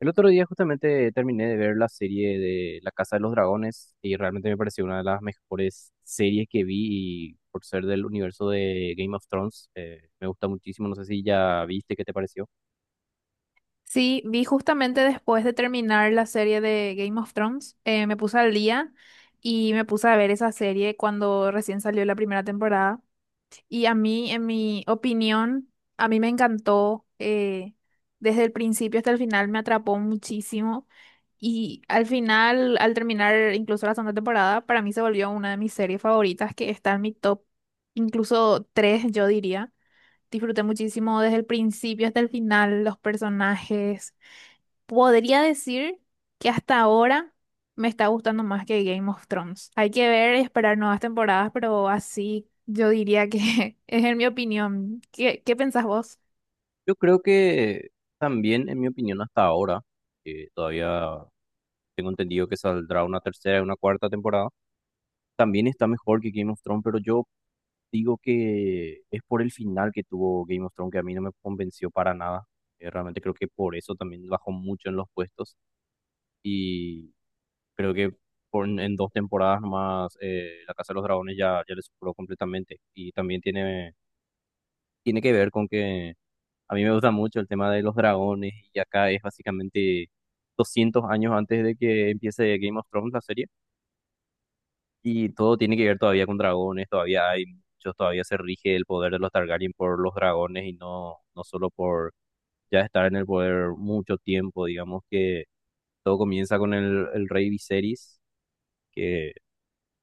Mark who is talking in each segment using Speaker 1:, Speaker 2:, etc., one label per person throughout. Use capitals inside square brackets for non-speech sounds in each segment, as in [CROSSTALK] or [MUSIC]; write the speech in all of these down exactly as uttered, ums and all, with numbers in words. Speaker 1: El otro día justamente terminé de ver la serie de La Casa de los Dragones y realmente me pareció una de las mejores series que vi y por ser del universo de Game of Thrones, eh, me gusta muchísimo, no sé si ya viste, ¿qué te pareció?
Speaker 2: Sí, vi justamente después de terminar la serie de Game of Thrones, eh, me puse al día y me puse a ver esa serie cuando recién salió la primera temporada. Y a mí, en mi opinión, a mí me encantó, eh, desde el principio hasta el final me atrapó muchísimo. Y al final, al terminar incluso la segunda temporada, para mí se volvió una de mis series favoritas que está en mi top, incluso tres, yo diría. Disfruté muchísimo desde el principio hasta el final, los personajes. Podría decir que hasta ahora me está gustando más que Game of Thrones. Hay que ver y esperar nuevas temporadas, pero así yo diría que [LAUGHS] es en mi opinión. ¿Qué, qué pensás vos?
Speaker 1: Yo creo que también, en mi opinión, hasta ahora, eh, todavía tengo entendido que saldrá una tercera y una cuarta temporada, también está mejor que Game of Thrones, pero yo digo que es por el final que tuvo Game of Thrones que a mí no me convenció para nada. Eh, Realmente creo que por eso también bajó mucho en los puestos y creo que por, en dos temporadas más eh, La Casa de los Dragones ya, ya le superó completamente y también tiene, tiene que ver con que a mí me gusta mucho el tema de los dragones y acá es básicamente doscientos años antes de que empiece Game of Thrones la serie. Y todo tiene que ver todavía con dragones, todavía hay muchos, todavía se rige el poder de los Targaryen por los dragones y no, no solo por ya estar en el poder mucho tiempo, digamos que todo comienza con el, el rey Viserys, que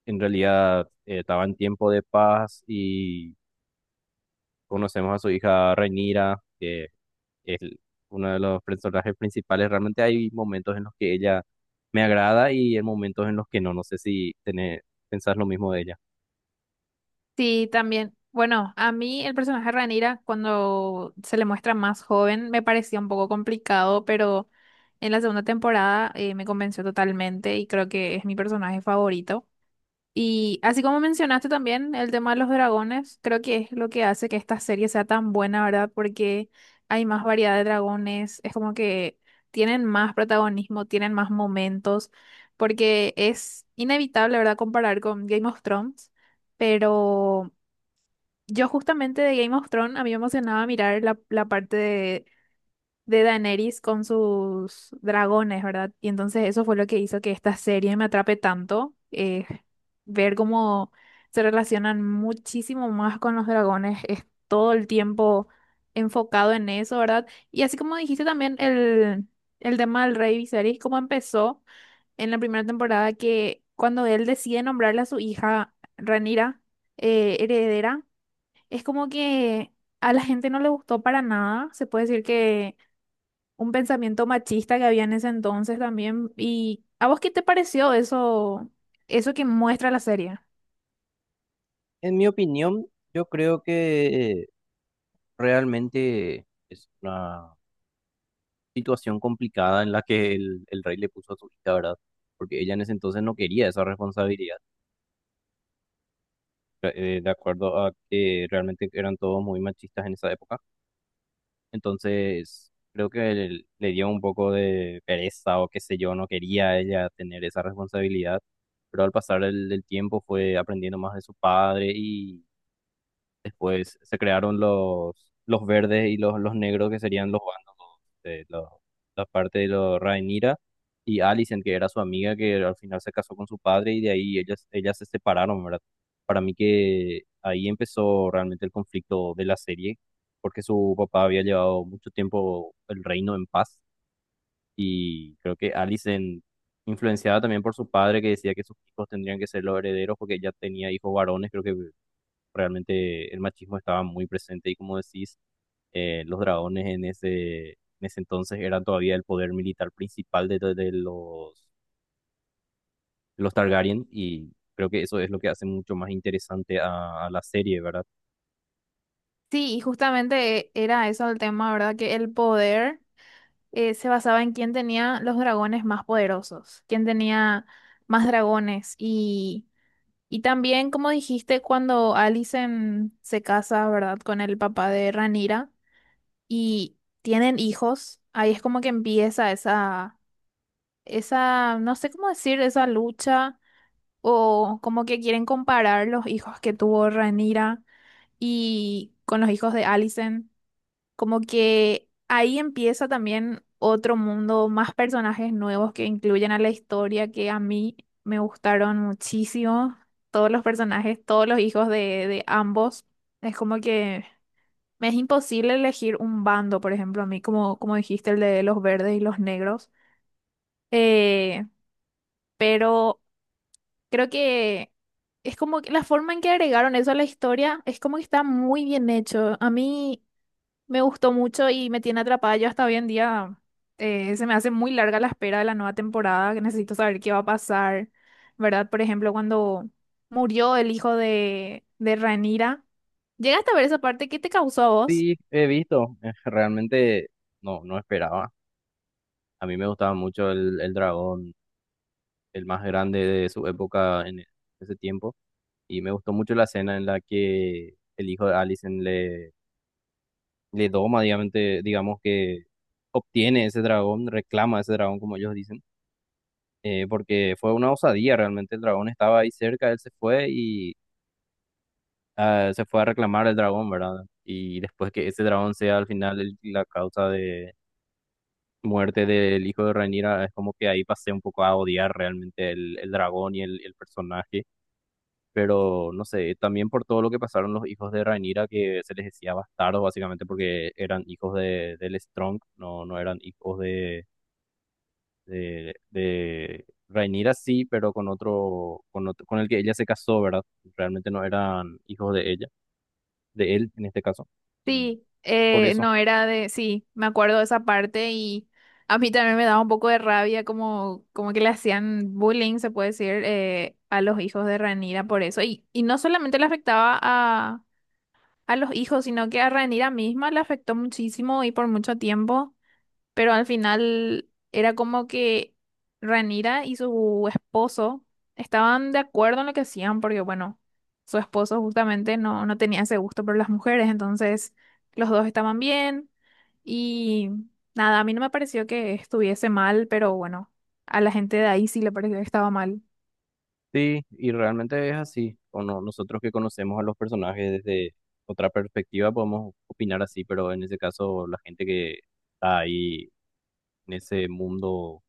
Speaker 1: en realidad eh, estaba en tiempo de paz y conocemos a su hija Rhaenyra, que es uno de los personajes principales, realmente hay momentos en los que ella me agrada y hay momentos en los que no, no sé si tenés, pensás lo mismo de ella.
Speaker 2: Sí, también. Bueno, a mí el personaje de Rhaenyra cuando se le muestra más joven me parecía un poco complicado, pero en la segunda temporada eh, me convenció totalmente y creo que es mi personaje favorito. Y así como mencionaste también el tema de los dragones, creo que es lo que hace que esta serie sea tan buena, ¿verdad? Porque hay más variedad de dragones, es como que tienen más protagonismo, tienen más momentos, porque es inevitable, ¿verdad? Comparar con Game of Thrones, pero yo justamente de Game of Thrones a mí me emocionaba mirar la, la parte de de Daenerys con sus dragones, ¿verdad? Y entonces eso fue lo que hizo que esta serie me atrape tanto, eh, ver cómo se relacionan muchísimo más con los dragones, es todo el tiempo enfocado en eso, ¿verdad? Y así como dijiste también el, el tema del rey Viserys, cómo empezó en la primera temporada que cuando él decide nombrarle a su hija Rhaenyra eh, heredera, es como que a la gente no le gustó para nada, se puede decir que un pensamiento machista que había en ese entonces también. ¿Y a vos qué te pareció eso, eso que muestra la serie?
Speaker 1: En mi opinión, yo creo que realmente es una situación complicada en la que el, el rey le puso a su hija, ¿verdad? Porque ella en ese entonces no quería esa responsabilidad, eh, eh, de acuerdo a que realmente eran todos muy machistas en esa época. Entonces, creo que el- le dio un poco de pereza o qué sé yo, no quería ella tener esa responsabilidad, pero al pasar el, del tiempo fue aprendiendo más de su padre. Después se crearon los, los verdes y los, los negros, que serían los bandos de los- la parte de los Rhaenyra y Alicent, que era su amiga, que al final se casó con su padre y de ahí ellas, ellas se separaron, ¿verdad? Para mí que ahí empezó realmente el conflicto de la serie, porque su papá había llevado mucho tiempo el reino en paz y creo que Alicent, influenciada también por su padre, que decía que sus hijos tendrían que ser los herederos porque ella tenía hijos varones, creo que realmente el machismo estaba muy presente y como decís, eh, los dragones en ese, en ese entonces eran todavía el poder militar principal de, de- de los, de los Targaryen y creo que eso es lo que hace mucho más interesante a a la serie, ¿verdad?
Speaker 2: Sí, y justamente era eso el tema, ¿verdad? Que el poder eh, se basaba en quién tenía los dragones más poderosos, quién tenía más dragones. Y, y también, como dijiste, cuando Alicent se casa, ¿verdad? Con el papá de Ranira y tienen hijos, ahí es como que empieza esa, esa, no sé cómo decir, esa lucha o como que quieren comparar los hijos que tuvo Rhaenyra y con los hijos de Alicent, como que ahí empieza también otro mundo, más personajes nuevos que incluyen a la historia que a mí me gustaron muchísimo, todos los personajes, todos los hijos de, de ambos, es como que me es imposible elegir un bando, por ejemplo, a mí como, como dijiste, el de los verdes y los negros, eh, pero... Creo que es como que la forma en que agregaron eso a la historia es como que está muy bien hecho. A mí me gustó mucho y me tiene atrapada. Yo hasta hoy en día eh, se me hace muy larga la espera de la nueva temporada, que necesito saber qué va a pasar, ¿verdad? Por ejemplo, cuando murió el hijo de, de Rhaenyra. ¿Llegaste a ver esa parte? ¿Qué te causó a vos?
Speaker 1: Sí, he visto, eh, realmente no, no esperaba. A mí me gustaba mucho el, el dragón, el más grande de su época en ese tiempo y me gustó mucho la escena en la que el hijo de Alicent le... le doma, digamos, digamos que obtiene ese dragón, reclama ese dragón, como ellos dicen, eh, porque fue una osadía realmente, el dragón estaba ahí cerca, él se fue y ah, se fue a reclamar el dragón, ¿verdad? Y después que ese dragón sea al final el- la causa de muerte del hijo de Rhaenyra, es como que ahí pasé un poco a odiar realmente el, el dragón y el, el personaje. Pero no sé, también por todo lo que pasaron los hijos de Rhaenyra, que se les decía bastardos básicamente porque eran hijos de, del Strong, no, no eran hijos de, de, de Rhaenyra sí, pero con otro, con otro, con el que ella se casó, ¿verdad? Realmente no eran hijos de ella, de él en este caso, y
Speaker 2: Sí,
Speaker 1: por
Speaker 2: eh,
Speaker 1: eso.
Speaker 2: no era de, sí, me acuerdo de esa parte y a mí también me daba un poco de rabia como, como que le hacían bullying, se puede decir, eh, a los hijos de Ranira por eso. Y, y no solamente le afectaba a, a los hijos, sino que a Ranira misma le afectó muchísimo y por mucho tiempo. Pero al final era como que Ranira y su esposo estaban de acuerdo en lo que hacían, porque bueno, su esposo justamente no, no tenía ese gusto por las mujeres, entonces los dos estaban bien y nada, a mí no me pareció que estuviese mal, pero bueno, a la gente de ahí sí le pareció que estaba mal.
Speaker 1: Sí, y realmente es así, o no, nosotros que conocemos a los personajes desde otra perspectiva podemos opinar así, pero en ese caso la gente que está ahí en ese mundo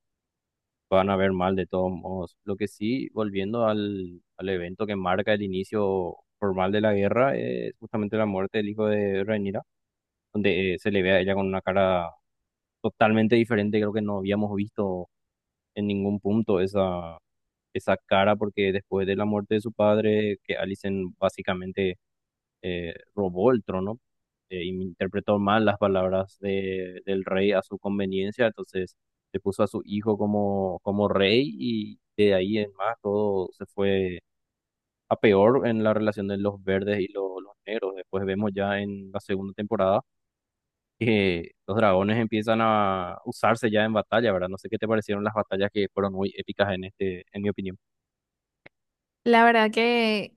Speaker 1: van a ver mal de todos modos. Lo que sí, volviendo al, al evento que marca el inicio formal de la guerra, es justamente la muerte del hijo de Rhaenyra, donde eh, se le ve a ella con una cara totalmente diferente, creo que no habíamos visto en ningún punto esa, esa cara, porque después de la muerte de su padre, que Alicent básicamente eh, robó el trono eh, y interpretó mal las palabras de, del rey a su conveniencia, entonces le puso a su hijo como, como rey y de ahí en más todo se fue a peor en la relación de los verdes y lo- los negros. Después vemos ya en la segunda temporada que los dragones empiezan a usarse ya en batalla, ¿verdad? No sé qué te parecieron las batallas que fueron muy épicas en este, en mi opinión.
Speaker 2: La verdad que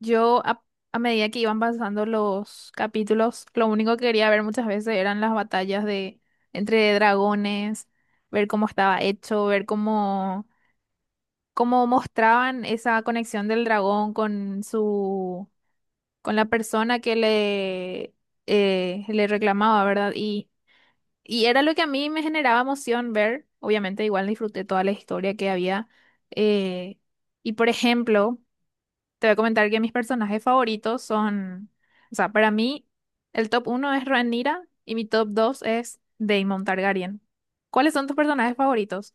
Speaker 2: yo a, a medida que iban pasando los capítulos, lo único que quería ver muchas veces eran las batallas de entre dragones, ver cómo estaba hecho, ver cómo, cómo mostraban esa conexión del dragón con su, con la persona que le, eh, le reclamaba, ¿verdad? Y, y era lo que a mí me generaba emoción ver. Obviamente, igual disfruté toda la historia que había. eh, y por ejemplo. Te voy a comentar que mis personajes favoritos son, o sea, para mí el top uno es Rhaenyra y mi top dos es Daemon Targaryen. ¿Cuáles son tus personajes favoritos?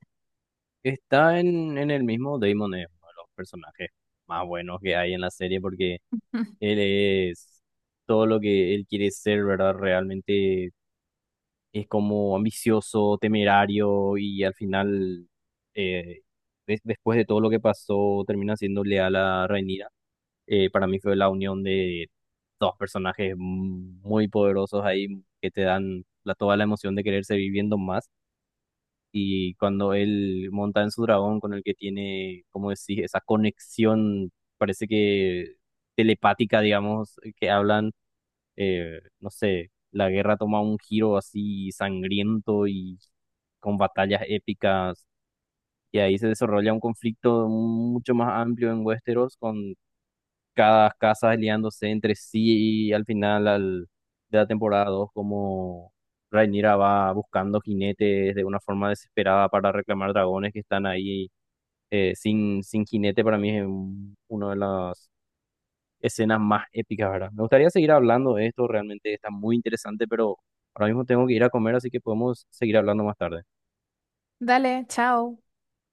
Speaker 1: Está en, en el mismo Daemon, es uno de los personajes más buenos que hay en la serie porque
Speaker 2: [LAUGHS]
Speaker 1: él es todo lo que él quiere ser, ¿verdad? Realmente es como ambicioso, temerario y al final, eh, des- después de todo lo que pasó, termina siendo leal a Rhaenyra. Eh, para mí fue la unión de dos personajes muy poderosos ahí que te dan la, toda la emoción de querer seguir viendo más. Y cuando él monta en su dragón con el que tiene, como decís, esa conexión, parece que telepática, digamos, que hablan eh, no sé, la guerra toma un giro así sangriento y con batallas épicas, y ahí se desarrolla un conflicto mucho más amplio en Westeros, con cada casa aliándose entre sí, y al final al- de la temporada dos como Rhaenyra va buscando jinetes de una forma desesperada para reclamar dragones que están ahí eh, sin, sin jinete, para mí es un- uno de los escenas más épicas, ¿verdad? Me gustaría seguir hablando de esto, realmente está muy interesante, pero ahora mismo tengo que ir a comer, así que podemos seguir hablando más tarde.
Speaker 2: Dale, chao.